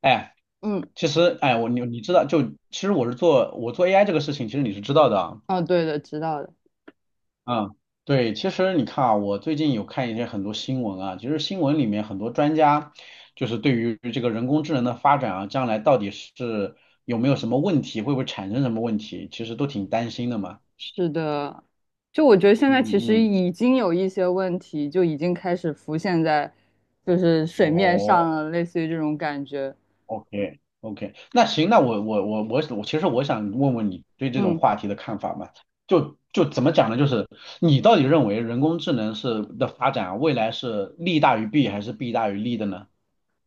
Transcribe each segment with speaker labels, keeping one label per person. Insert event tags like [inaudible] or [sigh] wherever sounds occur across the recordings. Speaker 1: 哎，
Speaker 2: 嗯，
Speaker 1: 其实，哎，你知道，就其实我做 AI 这个事情，其实你是知道的啊。
Speaker 2: 哦，对的，知道的。
Speaker 1: 嗯，对，其实你看啊，我最近有看很多新闻啊，其实新闻里面很多专家就是对于这个人工智能的发展啊，将来到底是有没有什么问题，会不会产生什么问题，其实都挺担心的嘛。
Speaker 2: 是的，就我觉得现在其实
Speaker 1: 嗯嗯。
Speaker 2: 已经有一些问题，就已经开始浮现在就是水面
Speaker 1: 哦，
Speaker 2: 上了，类似于这种感觉。
Speaker 1: OK OK。那行，那我其实我想问问你对这种
Speaker 2: 嗯，
Speaker 1: 话题的看法嘛？就怎么讲呢？就是你到底认为人工智能的发展啊未来是利大于弊还是弊大于利的呢？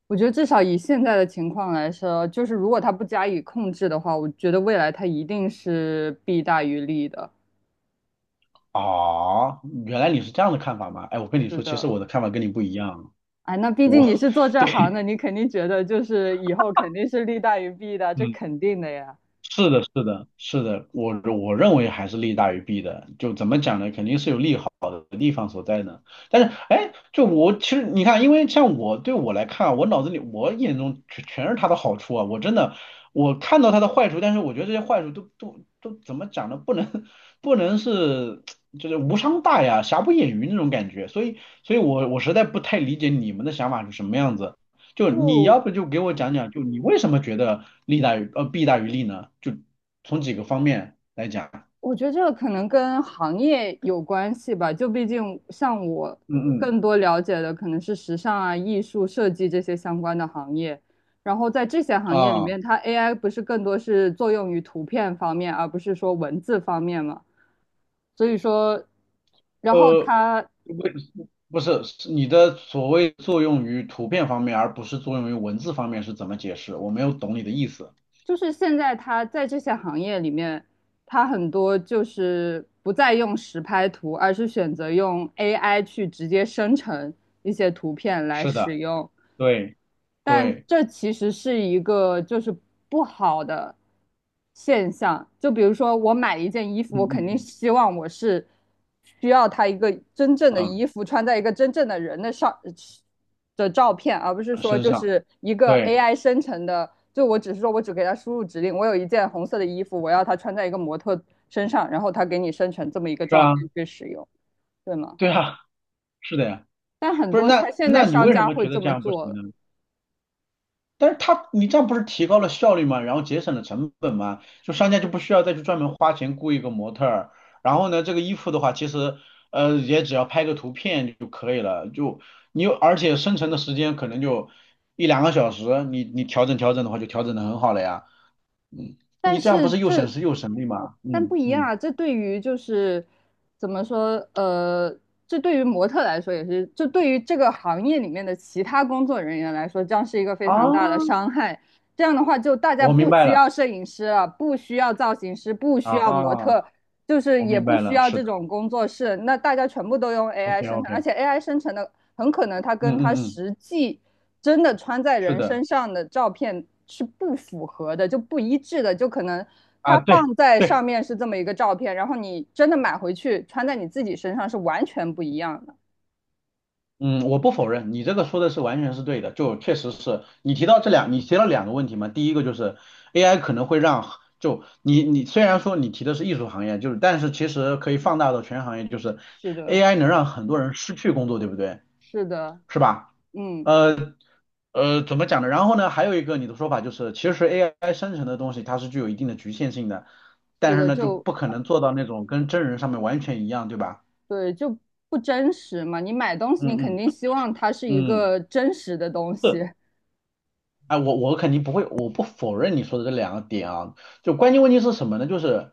Speaker 2: 我觉得至少以现在的情况来说，就是如果它不加以控制的话，我觉得未来它一定是弊大于利的。
Speaker 1: 哦，原来你是这样的看法吗？哎，我跟你
Speaker 2: 是
Speaker 1: 说，其实
Speaker 2: 的，
Speaker 1: 我的看法跟你不一样啊。
Speaker 2: 哎，那毕竟你
Speaker 1: 我
Speaker 2: 是做
Speaker 1: [laughs]
Speaker 2: 这
Speaker 1: 对，
Speaker 2: 行的，你肯定觉得就是以后肯定是利大于弊的，这
Speaker 1: 嗯。
Speaker 2: 肯定的呀。
Speaker 1: 是的，是的，是的，我认为还是利大于弊的。就怎么讲呢？肯定是有利好的地方所在呢。但是，哎，就我其实你看，因为像我对我来看啊我脑子里我眼中全是他的好处啊。我真的我看到他的坏处，但是我觉得这些坏处都怎么讲呢？不能就是无伤大雅、瑕不掩瑜那种感觉。所以我实在不太理解你们的想法是什么样子。就你
Speaker 2: 就
Speaker 1: 要不就给我讲讲，就你为什么觉得利大于呃弊大于利呢？就从几个方面来讲。
Speaker 2: 我觉得这个可能跟行业有关系吧，就毕竟像我
Speaker 1: 嗯嗯
Speaker 2: 更多了解的可能是时尚啊、艺术、设计这些相关的行业，然后在这些行业里
Speaker 1: 啊
Speaker 2: 面，它 AI 不是更多是作用于图片方面，而不是说文字方面嘛。所以说，然后
Speaker 1: 呃
Speaker 2: 它
Speaker 1: 为不是是你的所谓作用于图片方面，而不是作用于文字方面是怎么解释？我没有懂你的意思。
Speaker 2: 就是现在它在这些行业里面，它很多就是不再用实拍图，而是选择用 AI 去直接生成一些图片来
Speaker 1: 是的。
Speaker 2: 使用。
Speaker 1: 对
Speaker 2: 但
Speaker 1: 对。
Speaker 2: 这其实是一个就是不好的现象。就比如说，我买一件衣服，
Speaker 1: 嗯
Speaker 2: 我肯定
Speaker 1: 嗯
Speaker 2: 希望我是需要它一个真正的
Speaker 1: 嗯
Speaker 2: 衣服，穿在一个真正的人的上的照片，而不是
Speaker 1: 嗯。
Speaker 2: 说
Speaker 1: 身
Speaker 2: 就
Speaker 1: 上。
Speaker 2: 是一个
Speaker 1: 对。
Speaker 2: AI 生成的。就我只是说我只给它输入指令，我有一件红色的衣服，我要它穿在一个模特身上，然后它给你生成这么一个
Speaker 1: 是
Speaker 2: 照
Speaker 1: 啊。
Speaker 2: 片去使用，对吗？
Speaker 1: 对啊。是的呀。
Speaker 2: 但很
Speaker 1: 不是
Speaker 2: 多
Speaker 1: 那
Speaker 2: 它现在
Speaker 1: 那你
Speaker 2: 商
Speaker 1: 为什
Speaker 2: 家
Speaker 1: 么
Speaker 2: 会
Speaker 1: 觉
Speaker 2: 这
Speaker 1: 得这
Speaker 2: 么
Speaker 1: 样不
Speaker 2: 做
Speaker 1: 行
Speaker 2: 了。
Speaker 1: 呢？但是他，你这样不是提高了效率吗？然后节省了成本吗？就商家就不需要再去专门花钱雇一个模特儿。然后呢，这个衣服的话，其实也只要拍个图片就可以了。就你有，而且生成的时间可能就一两个小时，你调整调整的话，就调整的很好了呀。嗯，
Speaker 2: 但
Speaker 1: 你这样
Speaker 2: 是
Speaker 1: 不是又省
Speaker 2: 这，
Speaker 1: 时又省力吗？
Speaker 2: 但不一样
Speaker 1: 嗯
Speaker 2: 啊，这对于就是怎么说，这对于模特来说也是，这对于这个行业里面的其他工作人员来说，将是一个非
Speaker 1: 啊，
Speaker 2: 常大的伤害。这样的话，就大家
Speaker 1: 我明
Speaker 2: 不
Speaker 1: 白
Speaker 2: 需
Speaker 1: 了。
Speaker 2: 要摄影师了，不需要造型师，不需要模
Speaker 1: 啊，
Speaker 2: 特，就是
Speaker 1: 我
Speaker 2: 也
Speaker 1: 明
Speaker 2: 不
Speaker 1: 白
Speaker 2: 需
Speaker 1: 了。
Speaker 2: 要
Speaker 1: 是
Speaker 2: 这
Speaker 1: 的
Speaker 2: 种工作室，那大家全部都用 AI
Speaker 1: ，OK
Speaker 2: 生
Speaker 1: OK。
Speaker 2: 成，而
Speaker 1: 嗯
Speaker 2: 且 AI 生成的很可能它跟
Speaker 1: 嗯
Speaker 2: 它
Speaker 1: 嗯。
Speaker 2: 实际。真的穿在
Speaker 1: 是
Speaker 2: 人
Speaker 1: 的
Speaker 2: 身上的照片是不符合的，就不一致的，就可能
Speaker 1: 啊。
Speaker 2: 它
Speaker 1: 对
Speaker 2: 放在上
Speaker 1: 对。
Speaker 2: 面是这么一个照片，然后你真的买回去穿在你自己身上是完全不一样的。
Speaker 1: 嗯，我不否认，你这个说的是完全是对的，就确实是你提到两个问题嘛，第一个就是 AI 可能会让，就你虽然说你提的是艺术行业，就是但是其实可以放大到全行业，就是
Speaker 2: 是的，
Speaker 1: AI 能让很多人失去工作，对不对？
Speaker 2: 是的，
Speaker 1: 是吧？
Speaker 2: 嗯，
Speaker 1: 呃怎么讲呢？然后呢，还有一个你的说法就是，其实 AI 生成的东西它是具有一定的局限性的，
Speaker 2: 是
Speaker 1: 但是
Speaker 2: 的，
Speaker 1: 呢，就
Speaker 2: 就
Speaker 1: 不可能做到那种跟真人上面完全一样，对吧？
Speaker 2: 对，就不真实嘛。你买东西，你肯
Speaker 1: 嗯嗯
Speaker 2: 定希望它是一
Speaker 1: 嗯。
Speaker 2: 个真实的东
Speaker 1: 是。
Speaker 2: 西。[laughs]
Speaker 1: 哎，我肯定不会，我不否认你说的这两个点啊。就关键问题是什么呢？就是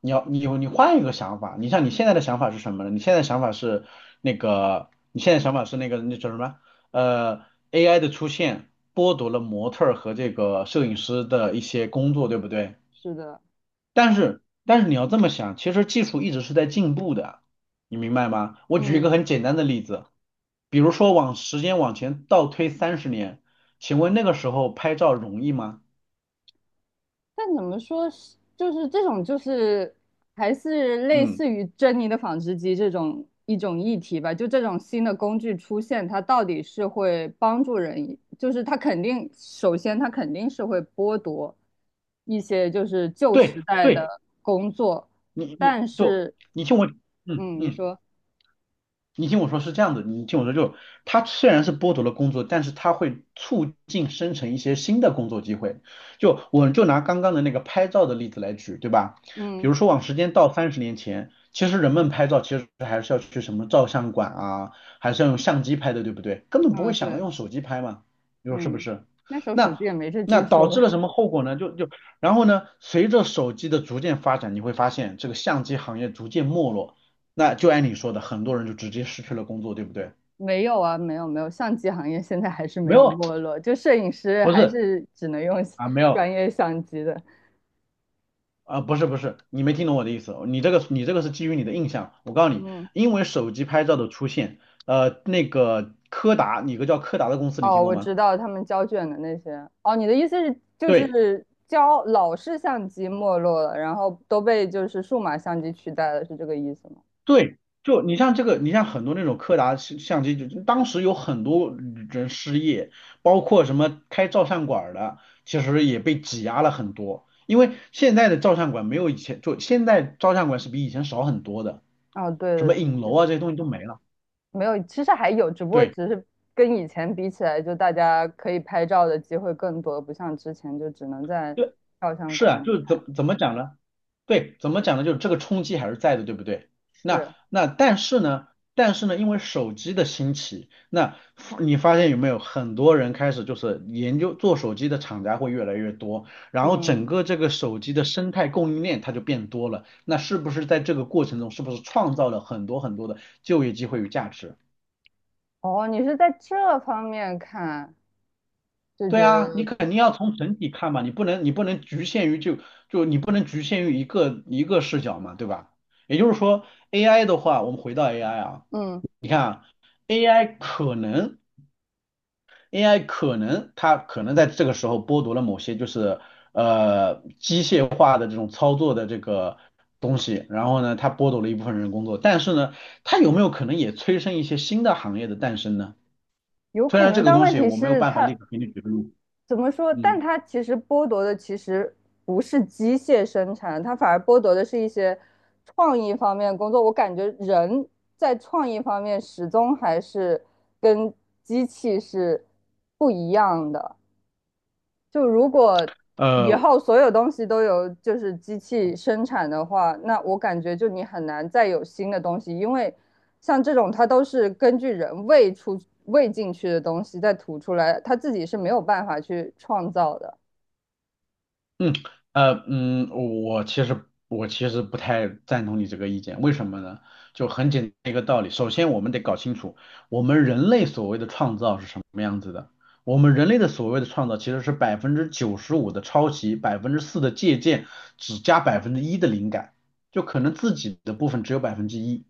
Speaker 1: 你要你有你换一个想法，你像你现在的想法是什么呢？你现在想法是那个，你现在想法是那个那叫什么？呃，AI 的出现剥夺了模特儿和这个摄影师的一些工作，对不对？
Speaker 2: 是的，
Speaker 1: 但是你要这么想，其实技术一直是在进步的，你明白吗？我举一个
Speaker 2: 嗯。
Speaker 1: 很简单的例子，比如说往时间往前倒推三十年，请问那个时候拍照容易吗？
Speaker 2: 但怎么说是，就是这种就是还是类
Speaker 1: 嗯，
Speaker 2: 似于珍妮的纺织机这种一种议题吧。就这种新的工具出现，它到底是会帮助人，就是它肯定，首先它肯定是会剥夺一些就是旧
Speaker 1: 对
Speaker 2: 时代
Speaker 1: 对，
Speaker 2: 的工作，
Speaker 1: 你你
Speaker 2: 但
Speaker 1: 就
Speaker 2: 是，
Speaker 1: 你听我。嗯
Speaker 2: 嗯，你
Speaker 1: 嗯。
Speaker 2: 说，
Speaker 1: 你听我说是这样的，你听我说就，它虽然是剥夺了工作，但是它会促进生成一些新的工作机会。就我就拿刚刚的那个拍照的例子来举，对吧？比
Speaker 2: 嗯
Speaker 1: 如说往时间倒30年前，其实人们拍照其实还是要去什么照相馆啊，还是要用相机拍的，对不对？根本不会
Speaker 2: 嗯
Speaker 1: 想到
Speaker 2: 对，
Speaker 1: 用手机拍嘛，你说是不
Speaker 2: 嗯，
Speaker 1: 是？
Speaker 2: 那时候手
Speaker 1: 那
Speaker 2: 机也没这
Speaker 1: 那
Speaker 2: 技
Speaker 1: 导
Speaker 2: 术
Speaker 1: 致
Speaker 2: 吧？
Speaker 1: 了什么后果呢？然后呢，随着手机的逐渐发展，你会发现这个相机行业逐渐没落。那就按你说的，很多人就直接失去了工作，对不对？
Speaker 2: 没有啊，没有没有，相机行业现在还是没
Speaker 1: 没
Speaker 2: 有
Speaker 1: 有，
Speaker 2: 没落，就摄影师
Speaker 1: 不
Speaker 2: 还
Speaker 1: 是
Speaker 2: 是只能用
Speaker 1: 啊，没有
Speaker 2: 专业相机的。
Speaker 1: 啊，不是不是，你没听懂我的意思。你这个是基于你的印象。我告诉你，
Speaker 2: 嗯，
Speaker 1: 因为手机拍照的出现，那个柯达，你有个叫柯达的公司，你
Speaker 2: 哦，
Speaker 1: 听过
Speaker 2: 我知
Speaker 1: 吗？
Speaker 2: 道他们胶卷的那些。哦，你的意思是就
Speaker 1: 对
Speaker 2: 是胶老式相机没落了，然后都被就是数码相机取代了，是这个意思吗？
Speaker 1: 对，就你像这个，你像很多那种柯达相机，就当时有很多人失业，包括什么开照相馆儿的，其实也被挤压了很多。因为现在的照相馆没有以前，就现在照相馆是比以前少很多的。
Speaker 2: 哦，对
Speaker 1: 什
Speaker 2: 的，
Speaker 1: 么
Speaker 2: 的
Speaker 1: 影楼
Speaker 2: 确
Speaker 1: 啊这些东西都没了。
Speaker 2: 没有，其实还有，只不过
Speaker 1: 对。
Speaker 2: 只是跟以前比起来，就大家可以拍照的机会更多，不像之前就只能在
Speaker 1: 对。
Speaker 2: 照相
Speaker 1: 是啊，
Speaker 2: 馆
Speaker 1: 就
Speaker 2: 里
Speaker 1: 是
Speaker 2: 拍。
Speaker 1: 怎么讲呢？对，怎么讲呢？就是这个冲击还是在的，对不对？那
Speaker 2: 是，
Speaker 1: 那但是呢，但是呢，因为手机的兴起，你发现有没有很多人开始就是研究做手机的厂家会越来越多，然后
Speaker 2: 嗯。
Speaker 1: 整个这个手机的生态供应链它就变多了。那是不是在这个过程中，是不是创造了很多很多的就业机会与价值？
Speaker 2: 哦，你是在这方面看，就觉
Speaker 1: 对啊，你
Speaker 2: 得，
Speaker 1: 肯定要从整体看嘛，你不能你不能局限于就就你不能局限于一个一个视角嘛，对吧？也就是说，AI 的话，我们回到 AI 啊，
Speaker 2: 嗯，
Speaker 1: 你看啊，AI 可能 AI 可能它可能在这个时候剥夺了某些就是机械化的这种操作的这个东西，然后呢，它剥夺了一部分人工作，但是呢，它有没有可能也催生一些新的行业的诞生呢？
Speaker 2: 有
Speaker 1: 虽
Speaker 2: 可
Speaker 1: 然
Speaker 2: 能，
Speaker 1: 这个
Speaker 2: 但
Speaker 1: 东
Speaker 2: 问
Speaker 1: 西
Speaker 2: 题
Speaker 1: 我没有
Speaker 2: 是
Speaker 1: 办法立
Speaker 2: 它
Speaker 1: 刻给你举个例子
Speaker 2: 怎么说？但
Speaker 1: 嗯。
Speaker 2: 它其实剥夺的其实不是机械生产，它反而剥夺的是一些创意方面的工作。我感觉人在创意方面始终还是跟机器是不一样的。就如果以
Speaker 1: 呃，
Speaker 2: 后所有东西都由就是机器生产的话，那我感觉就你很难再有新的东西，因为像这种它都是根据人喂出喂进去的东西再吐出来，它自己是没有办法去创造的。
Speaker 1: 嗯，我其实不太赞同你这个意见，为什么呢？就很简单一个道理，首先我们得搞清楚，我们人类所谓的创造是什么样子的。我们人类的所谓的创造其实是95%的抄袭，4%的借鉴，只加百分之一的灵感，就可能自己的部分只有百分之一。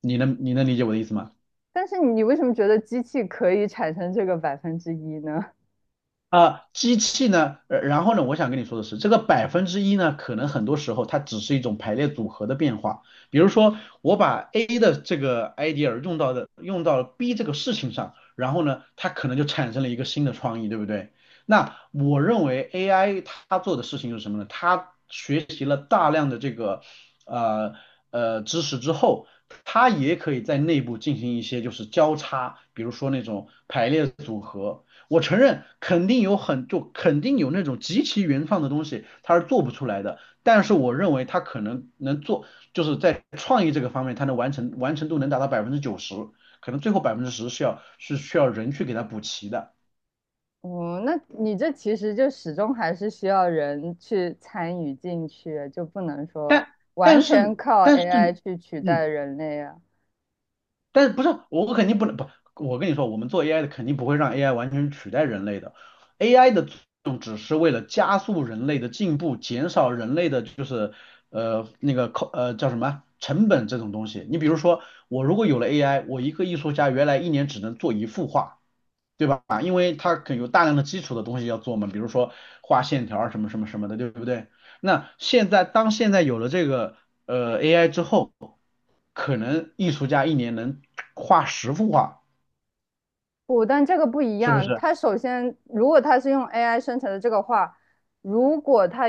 Speaker 1: 你能理解我的意思吗？
Speaker 2: 但是你为什么觉得机器可以产生这个1%呢？[laughs]
Speaker 1: 啊，机器呢，然后呢，我想跟你说的是，这个百分之一呢，可能很多时候它只是一种排列组合的变化。比如说，我把 A 的这个 idea 用到了 B 这个事情上，然后呢，它可能就产生了一个新的创意，对不对？那我认为 AI 它做的事情是什么呢？它学习了大量的这个呃知识之后，它也可以在内部进行一些就是交叉，比如说那种排列组合。我承认肯定有那种极其原创的东西，它是做不出来的。但是我认为它可能能做，就是在创意这个方面，它能完成度能达到百分之九十，可能最后10%是需要人去给它补齐的。
Speaker 2: 哦，那你这其实就始终还是需要人去参与进去，就不能说
Speaker 1: 但
Speaker 2: 完
Speaker 1: 但
Speaker 2: 全
Speaker 1: 是
Speaker 2: 靠
Speaker 1: 但是，
Speaker 2: AI 去取代
Speaker 1: 嗯，
Speaker 2: 人类啊。
Speaker 1: 但是不是我肯定不能不，我跟你说，我们做 AI 的肯定不会让 AI 完全取代人类的，AI 的作用只是为了加速人类的进步，减少人类的就是那个叫什么成本这种东西。你比如说，我如果有了 AI，我一个艺术家原来一年只能做一幅画。对吧？因为它可有大量的基础的东西要做嘛，比如说画线条儿什么什么什么的，对不对？那现在当现在有了这个AI 之后，可能艺术家一年能画10幅画，
Speaker 2: 不，但这个不一
Speaker 1: 是不
Speaker 2: 样。
Speaker 1: 是？
Speaker 2: 它首先，如果它是用 AI 生成的这个话，如果它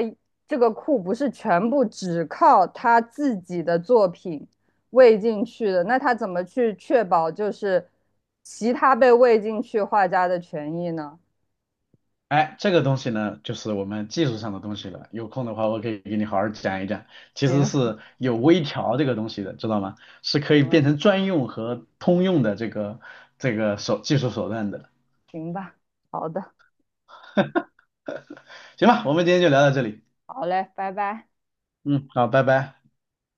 Speaker 2: 这个库不是全部只靠他自己的作品喂进去的，那他怎么去确保就是其他被喂进去画家的权益呢？
Speaker 1: 哎，这个东西呢，就是我们技术上的东西了。有空的话，我可以给你好好讲一讲，其实
Speaker 2: 行，
Speaker 1: 是有微调这个东西的，知道吗？是
Speaker 2: [laughs]
Speaker 1: 可
Speaker 2: 行
Speaker 1: 以
Speaker 2: 了，
Speaker 1: 变成专用和通用的这个技术手段的。
Speaker 2: 行吧，好的，
Speaker 1: 行吧，我们今天就聊到这里。
Speaker 2: 好嘞，拜拜。
Speaker 1: 嗯，好，拜拜。